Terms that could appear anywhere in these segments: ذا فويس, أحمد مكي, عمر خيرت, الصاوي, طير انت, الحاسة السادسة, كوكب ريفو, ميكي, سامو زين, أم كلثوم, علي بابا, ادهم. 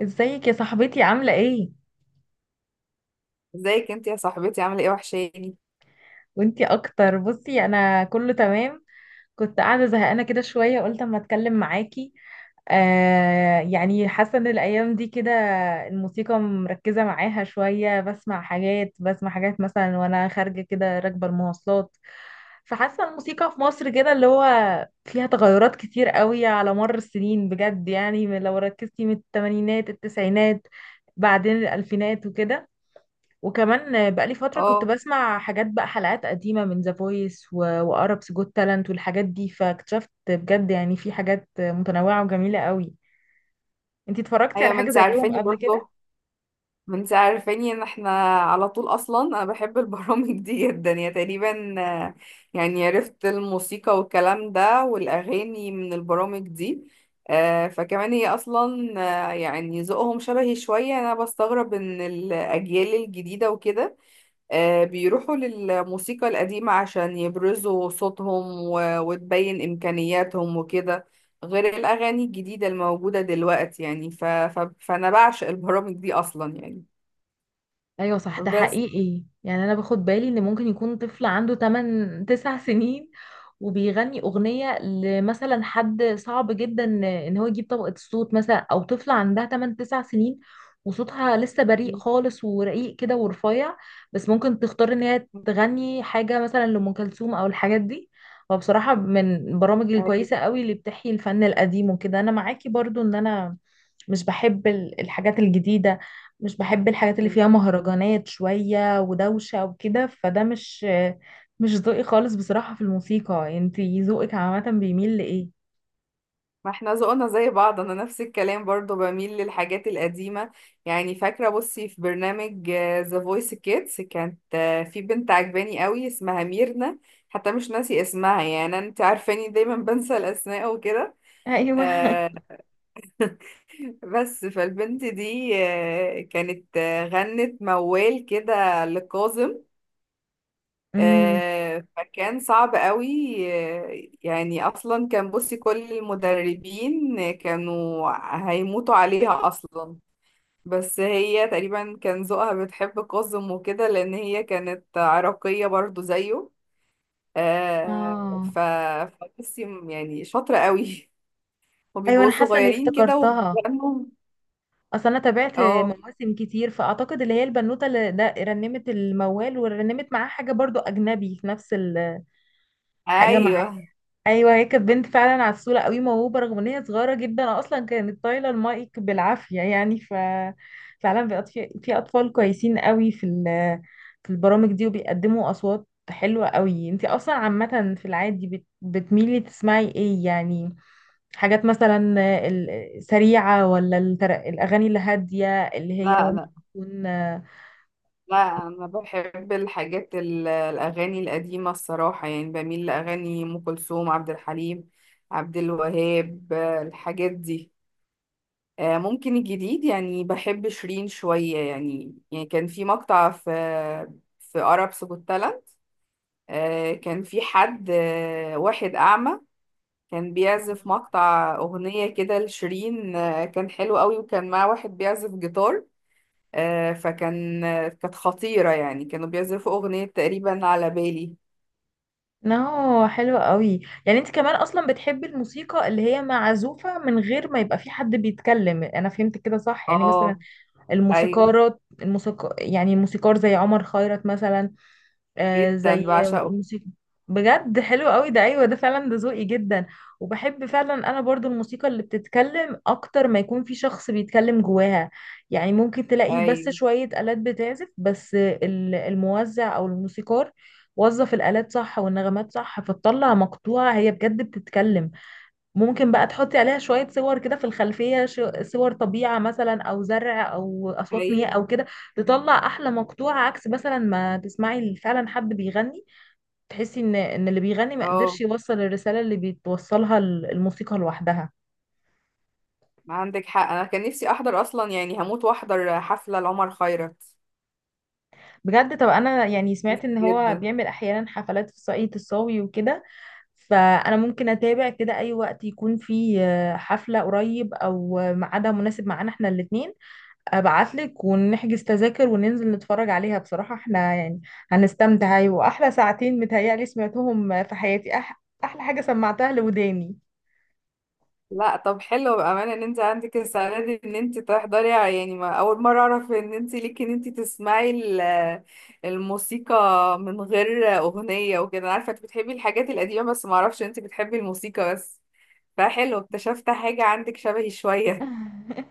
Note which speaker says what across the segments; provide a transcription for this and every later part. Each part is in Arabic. Speaker 1: ازيك يا صاحبتي عاملة ايه؟
Speaker 2: ازيك انت يا صاحبتي عامله ايه؟ وحشاني.
Speaker 1: وانتي اكتر. بصي انا كله تمام، كنت قاعدة زهقانة كده شوية قلت اما اتكلم معاكي. حاسة ان الايام دي كده الموسيقى مركزة معاها شوية، بسمع حاجات، بسمع حاجات مثلا وانا خارجة كده راكبة المواصلات، فحاسة الموسيقى في مصر كده اللي هو فيها تغيرات كتير قوي على مر السنين بجد، لو ركزتي من التمانينات، التسعينات، بعدين الالفينات وكده. وكمان بقالي فترة كنت
Speaker 2: اه،
Speaker 1: بسمع حاجات بقى، حلقات قديمة من ذا فويس وأربس جوت تالنت والحاجات دي، فاكتشفت بجد يعني في حاجات متنوعة وجميلة قوي. انتي اتفرجتي
Speaker 2: ايوه،
Speaker 1: على حاجة زيهم قبل كده؟
Speaker 2: ما انت عارفاني ان احنا على طول. اصلا انا بحب البرامج دي جدا، يا تقريبا، يعني عرفت الموسيقى والكلام ده والاغاني من البرامج دي. فكمان هي اصلا، يعني ذوقهم شبهي شويه. انا بستغرب ان الاجيال الجديده وكده بيروحوا للموسيقى القديمة عشان يبرزوا صوتهم وتبين إمكانياتهم وكده، غير الأغاني الجديدة الموجودة دلوقتي. يعني ف... ف... فأنا بعشق البرامج دي أصلا يعني.
Speaker 1: ايوه صح، ده
Speaker 2: بس.
Speaker 1: حقيقي، يعني انا باخد بالي ان ممكن يكون طفل عنده 8 9 سنين وبيغني اغنيه لمثلا حد صعب جدا ان هو يجيب طبقه الصوت، مثلا او طفله عندها 8 9 سنين وصوتها لسه بريء خالص ورقيق كده ورفيع، بس ممكن تختار ان هي تغني حاجه مثلا لام كلثوم او الحاجات دي. وبصراحه من البرامج
Speaker 2: أيوة.
Speaker 1: الكويسه قوي اللي بتحيي الفن القديم وكده، انا معاكي برضو ان انا مش بحب الحاجات الجديده، مش بحب الحاجات اللي فيها مهرجانات شوية ودوشة وكده، فده مش ذوقي خالص بصراحة في الموسيقى. انتي ذوقك عامة بيميل لإيه؟
Speaker 2: ما احنا ذوقنا زي بعض، أنا نفس الكلام برضو بميل للحاجات القديمة. يعني فاكرة بصي، في برنامج ذا فويس كيدز كانت، في بنت عجباني قوي اسمها ميرنا، حتى مش ناسي اسمها. يعني أنت عارفاني دايما بنسى الأسماء وكده.
Speaker 1: ايوه،
Speaker 2: آه. بس فالبنت دي كانت غنت موال كده لكاظم.
Speaker 1: امم،
Speaker 2: آه، فكان صعب قوي. آه، يعني اصلا كان، بصي، كل المدربين كانوا هيموتوا عليها اصلا. بس هي تقريبا كان ذوقها بتحب كاظم وكده، لان هي كانت عراقية برضو زيه. آه،
Speaker 1: اه،
Speaker 2: ف فبصي، يعني شاطرة قوي.
Speaker 1: ايوه انا
Speaker 2: وبيبقوا
Speaker 1: حاسة اني
Speaker 2: صغيرين كده
Speaker 1: افتكرتها،
Speaker 2: وبيغنوا.
Speaker 1: اصل انا تابعت
Speaker 2: اه،
Speaker 1: مواسم كتير، فاعتقد اللي هي البنوتة اللي ده رنمت الموال، ورنمت معاه حاجة برضو اجنبي في نفس الحاجة معاه.
Speaker 2: ايوه.
Speaker 1: ايوه هي كانت بنت فعلا عسوله قوي، موهوبه رغم ان هي صغيره جدا، اصلا كانت طايله المايك بالعافيه يعني ف فعلا بقت في اطفال كويسين قوي في البرامج دي وبيقدموا اصوات حلوه قوي. انت اصلا عامه في العادي بتميلي تسمعي ايه يعني، حاجات مثلا السريعه ولا الاغاني الهاديه اللي هي
Speaker 2: لا لا،
Speaker 1: ممكن
Speaker 2: لا انا بحب الاغاني القديمه الصراحه. يعني بميل لاغاني ام كلثوم، عبد الحليم، عبد الوهاب، الحاجات دي. ممكن الجديد، يعني بحب شيرين شويه. يعني كان في مقطع في عرب سكوت تالنت، كان في حد، واحد اعمى كان بيعزف
Speaker 1: تكون؟
Speaker 2: مقطع اغنيه كده لشيرين. كان حلو قوي، وكان معاه واحد بيعزف جيتار. فكان، كانت خطيرة. يعني كانوا بيزفوا أغنية تقريبا على بالي.
Speaker 1: نو حلو قوي، يعني انت كمان اصلا بتحبي الموسيقى اللي هي معزوفة من غير ما يبقى في حد بيتكلم، انا فهمت كده صح؟ يعني مثلا
Speaker 2: اه. ايوه،
Speaker 1: الموسيقارات، الموسيقى، يعني موسيقار زي عمر خيرت مثلا، آه
Speaker 2: جدا
Speaker 1: زي
Speaker 2: بعشقه.
Speaker 1: الموسيقى، بجد حلو قوي ده، ايوه ده فعلا، ده ذوقي جدا. وبحب فعلا انا برضو الموسيقى اللي بتتكلم اكتر ما يكون في شخص بيتكلم جواها، يعني ممكن تلاقي بس
Speaker 2: ايوه،
Speaker 1: شوية آلات بتعزف، بس الموزع او الموسيقار وظف الآلات صح والنغمات صح، فتطلع مقطوعة هي بجد بتتكلم. ممكن بقى تحطي عليها شوية صور كده في الخلفية، صور طبيعة مثلا أو زرع أو أصوات
Speaker 2: ايوه.
Speaker 1: مياه أو كده، تطلع أحلى مقطوعة، عكس مثلا ما تسمعي فعلا حد بيغني، تحسي إن اللي بيغني ما
Speaker 2: اه،
Speaker 1: قدرش يوصل الرسالة اللي بتوصلها الموسيقى لوحدها.
Speaker 2: عندك حق. انا كان نفسي احضر اصلا، يعني هموت واحضر حفلة لعمر خيرت،
Speaker 1: بجد طب أنا يعني سمعت
Speaker 2: نفسي
Speaker 1: إن هو
Speaker 2: جدا.
Speaker 1: بيعمل أحيانا حفلات في صعيد الصاوي وكده، فأنا ممكن أتابع كده أي وقت يكون فيه حفلة قريب أو ميعادها مناسب معانا إحنا الاتنين، ابعتلك ونحجز تذاكر وننزل نتفرج عليها. بصراحة احنا يعني هنستمتع، أيوة. واحلى ساعتين متهيألي سمعتهم في حياتي، احلى حاجة سمعتها لوداني.
Speaker 2: لا، طب حلو بأمانة ان انت عندك السعادة دي، ان انت تحضري. يعني ما اول مرة اعرف ان انت ليكي، ان انت تسمعي الموسيقى من غير اغنية وكده. انا عارفة انت بتحبي الحاجات القديمة، بس ما اعرفش انت بتحبي الموسيقى بس. فحلو، اكتشفت حاجة عندك شبهي شوية.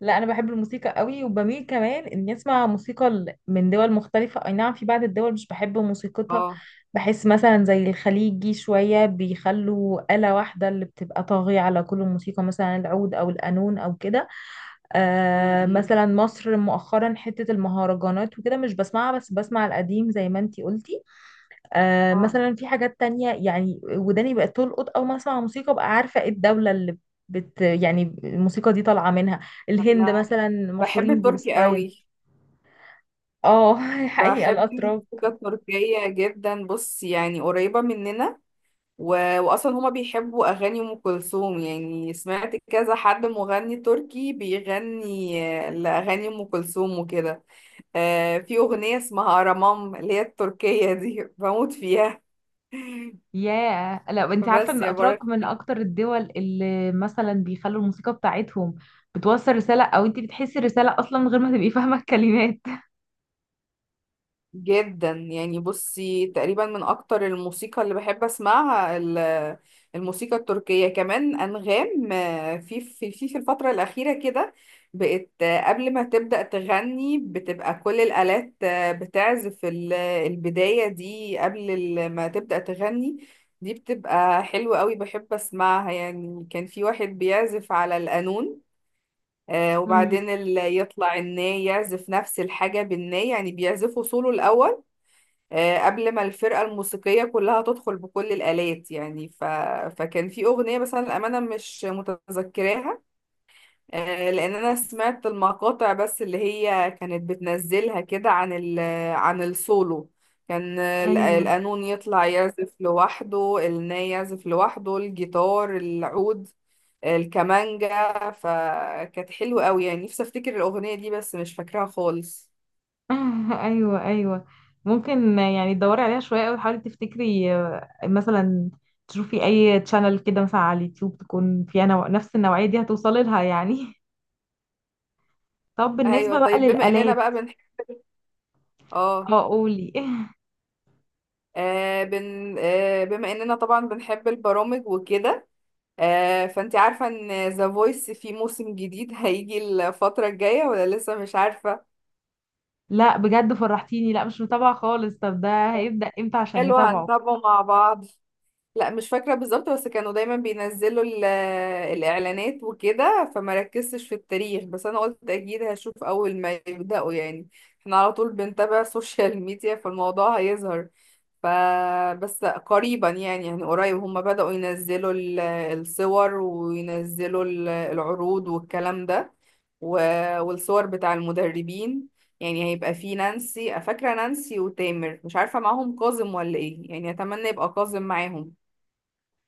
Speaker 1: لا انا بحب الموسيقى قوي، وبميل كمان اني اسمع موسيقى من دول مختلفة. اي نعم في بعض الدول مش بحب موسيقتها،
Speaker 2: اه.
Speaker 1: بحس مثلا زي الخليجي شوية بيخلوا آلة واحدة اللي بتبقى طاغية على كل الموسيقى، مثلا العود او القانون او كده.
Speaker 2: م-
Speaker 1: آه
Speaker 2: م.
Speaker 1: مثلا مصر مؤخرا، حتة المهرجانات وكده مش بسمعها، بس بسمع القديم زي ما انتي قلتي. آه
Speaker 2: اه،
Speaker 1: مثلا في حاجات تانية، يعني وداني بقت تلقط أول ما أسمع موسيقى بقى عارفة ايه الدولة اللي بت يعني الموسيقى دي طالعة منها. الهند
Speaker 2: انا
Speaker 1: مثلا
Speaker 2: بحب
Speaker 1: مشهورين
Speaker 2: التركي
Speaker 1: بستايل،
Speaker 2: قوي،
Speaker 1: اه. حقيقة
Speaker 2: بحب
Speaker 1: الأتراك،
Speaker 2: الموسيقى التركية جدا. بص يعني قريبة مننا، و... واصلا هما بيحبوا اغاني ام كلثوم. يعني سمعت كذا حد مغني تركي بيغني لاغاني ام كلثوم وكده. في اغنية اسمها ارامام، اللي هي التركية دي، بموت فيها.
Speaker 1: ياه. لا انت عارفه ان
Speaker 2: بس يا
Speaker 1: الاتراك
Speaker 2: بركة،
Speaker 1: من اكتر الدول اللي مثلا بيخلوا الموسيقى بتاعتهم بتوصل رساله، او انت بتحسي الرساله اصلا من غير ما تبقي فاهمه الكلمات.
Speaker 2: جدا يعني. بصي، تقريبا من اكتر الموسيقى اللي بحب اسمعها الموسيقى التركية. كمان انغام، في الفترة الأخيرة كده بقت، قبل ما تبدأ تغني بتبقى كل الآلات بتعزف البداية دي قبل ما تبدأ تغني. دي بتبقى حلوة قوي، بحب اسمعها. يعني كان في واحد بيعزف على القانون،
Speaker 1: امم،
Speaker 2: وبعدين اللي يطلع الناي يعزف نفس الحاجة بالناي. يعني بيعزفوا سولو الأول، قبل ما الفرقة الموسيقية كلها تدخل بكل الآلات. يعني فكان في أغنية بس أنا الأمانة مش متذكراها، لأن أنا سمعت المقاطع بس اللي هي كانت بتنزلها كده عن السولو. كان
Speaker 1: ايوه.
Speaker 2: القانون يطلع يعزف لوحده، الناي يعزف لوحده، الجيتار، العود، الكمانجا، فكانت حلوة قوي. يعني نفسي افتكر الأغنية دي بس مش فاكراها خالص.
Speaker 1: ايوه ممكن يعني تدوري عليها شويه قوي، حاولي تفتكري مثلا تشوفي اي تشانل كده مثلا على اليوتيوب تكون فيها نفس النوعيه دي، هتوصلي لها يعني. طب
Speaker 2: ايوه،
Speaker 1: بالنسبه بقى
Speaker 2: طيب. بما اننا
Speaker 1: للالات،
Speaker 2: بقى بنح... اه
Speaker 1: اه قولي.
Speaker 2: آه بن آه بما اننا طبعا بنحب البرامج وكده، فانت عارفة ان ذا فويس في موسم جديد هيجي الفترة الجاية ولا لسه مش عارفة؟
Speaker 1: لا بجد فرحتيني، لا مش متابعه خالص. طب ده
Speaker 2: طب
Speaker 1: هيبدا امتى عشان
Speaker 2: حلو،
Speaker 1: نتابعه؟
Speaker 2: هنتابعه مع بعض. لا مش فاكرة بالظبط، بس كانوا دايما بينزلوا الإعلانات وكده، فما ركزتش في التاريخ. بس أنا قلت أكيد هشوف أول ما يبدأوا. يعني احنا على طول بنتابع السوشيال ميديا، فالموضوع هيظهر. ف بس قريبا يعني، قريب هم بدأوا ينزلوا الصور وينزلوا العروض والكلام ده، والصور بتاع المدربين. يعني هيبقى في نانسي، فاكرة نانسي وتامر، مش عارفة معاهم كاظم ولا ايه. يعني اتمنى يبقى كاظم معاهم.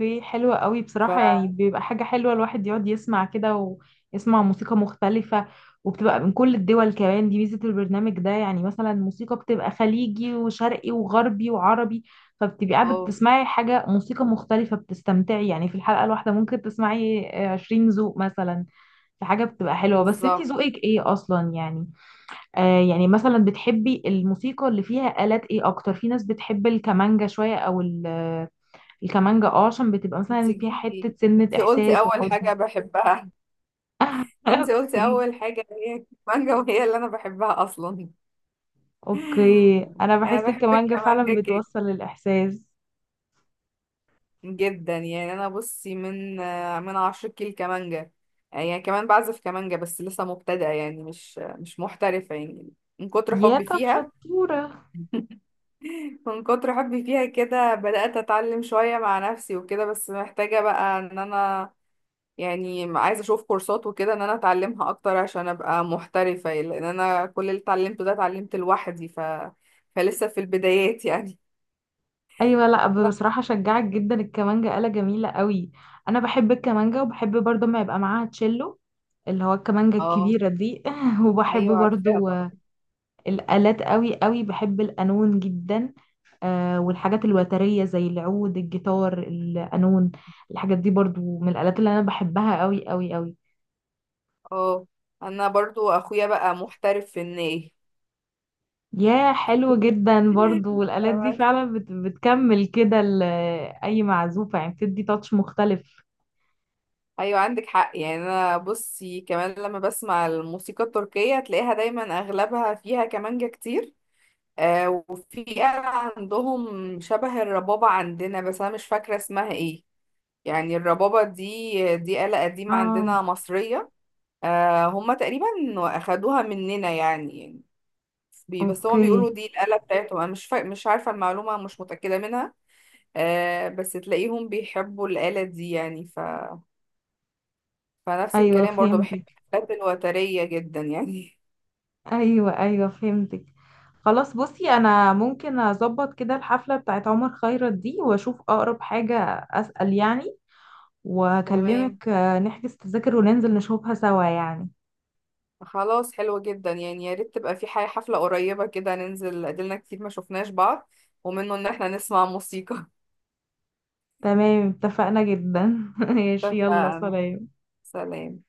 Speaker 1: اوكي حلوة قوي
Speaker 2: ف
Speaker 1: بصراحة، يعني بيبقى حاجة حلوة الواحد يقعد يسمع كده ويسمع موسيقى مختلفة، وبتبقى من كل الدول كمان، دي ميزة البرنامج ده، يعني مثلا موسيقى بتبقى خليجي وشرقي وغربي وعربي، فبتبقي قاعدة
Speaker 2: اه،
Speaker 1: بتسمعي حاجة موسيقى مختلفة بتستمتعي، يعني في الحلقة الواحدة ممكن تسمعي عشرين ذوق مثلا، في حاجة بتبقى حلوة. بس انتي
Speaker 2: بالظبط.
Speaker 1: ذوقك ايه اصلا يعني، آه يعني مثلا بتحبي الموسيقى اللي فيها آلات ايه اكتر؟ في ناس بتحب الكمانجا شوية او الكمانجة، اه، عشان بتبقى
Speaker 2: انت
Speaker 1: مثلا فيها حتة
Speaker 2: جبتي،
Speaker 1: سنة
Speaker 2: انت قلتي
Speaker 1: إحساس
Speaker 2: اول
Speaker 1: وحزن.
Speaker 2: حاجة بحبها. انت قلتي
Speaker 1: اوكي،
Speaker 2: اول حاجة هي المانجا، وهي اللي انا بحبها اصلا.
Speaker 1: اوكي انا
Speaker 2: انا
Speaker 1: بحس
Speaker 2: بحب
Speaker 1: الكمانجة فعلا
Speaker 2: الكمانجا
Speaker 1: بتوصل الإحساس،
Speaker 2: جدا، يعني. انا بصي، من من 10 كيل كمانجا. يعني كمان بعزف كمانجا، بس لسه مبتدئة، يعني مش محترفة يعني، من كتر
Speaker 1: يا
Speaker 2: حبي
Speaker 1: طب
Speaker 2: فيها.
Speaker 1: شطورة.
Speaker 2: من كتر حبي فيها كده بدأت أتعلم شوية مع نفسي وكده. بس محتاجة بقى إن أنا، يعني عايزة أشوف كورسات وكده إن أنا أتعلمها أكتر عشان أبقى محترفة يعني، لأن أنا كل اللي اتعلمته ده اتعلمت لوحدي، فلسه في البدايات يعني.
Speaker 1: ايوه لا بصراحة شجعك جدا، الكمانجة آلة جميلة قوي، انا بحب الكمانجة، وبحب برضه ما يبقى معاها تشيلو اللي هو الكمانجة
Speaker 2: اه،
Speaker 1: الكبيرة دي. وبحب
Speaker 2: ايوه عارفاها
Speaker 1: برضو
Speaker 2: طبعا.
Speaker 1: الآلات قوي قوي، بحب القانون جدا، آه والحاجات الوترية زي العود، الجيتار، القانون، الحاجات دي برضو من الآلات اللي أنا بحبها قوي قوي قوي.
Speaker 2: اه، انا برضو اخويا بقى محترف في الناي.
Speaker 1: يا حلو جدا برضو، والآلات دي فعلا بتكمل كده أي معزوفة، يعني بتدي تاتش مختلف.
Speaker 2: ايوه، عندك حق. يعني انا بصي، كمان لما بسمع الموسيقى التركية تلاقيها دايما اغلبها فيها كمانجة كتير. آه، وفي آلة عندهم شبه الربابة عندنا، بس انا مش فاكرة اسمها ايه. يعني الربابة دي، دي آلة قديمة
Speaker 1: اه
Speaker 2: عندنا مصرية. آه، هما تقريبا اخدوها مننا يعني. يعني بس هما
Speaker 1: اوكي،
Speaker 2: بيقولوا دي الآلة بتاعتهم. انا مش عارفة، المعلومة مش متأكدة منها. آه، بس تلاقيهم بيحبوا الآلة دي. يعني فنفس
Speaker 1: ايوه
Speaker 2: الكلام برضو، بحب
Speaker 1: فهمتك،
Speaker 2: الآلات الوترية جدا يعني.
Speaker 1: ايوه ايوه فهمتك. خلاص بصي، انا ممكن اظبط كده الحفله بتاعت عمر خيرت دي واشوف اقرب حاجه، اسال يعني
Speaker 2: تمام،
Speaker 1: واكلمك، نحجز تذاكر وننزل نشوفها سوا يعني.
Speaker 2: خلاص. حلو جدا يعني، يا ريت تبقى في حاجة حفلة قريبة كده ننزل، قدلنا كتير ما شفناش بعض ومنه إن احنا نسمع موسيقى.
Speaker 1: تمام اتفقنا جدا. ماشي، يلا
Speaker 2: اتفقنا.
Speaker 1: سلام.
Speaker 2: سلام.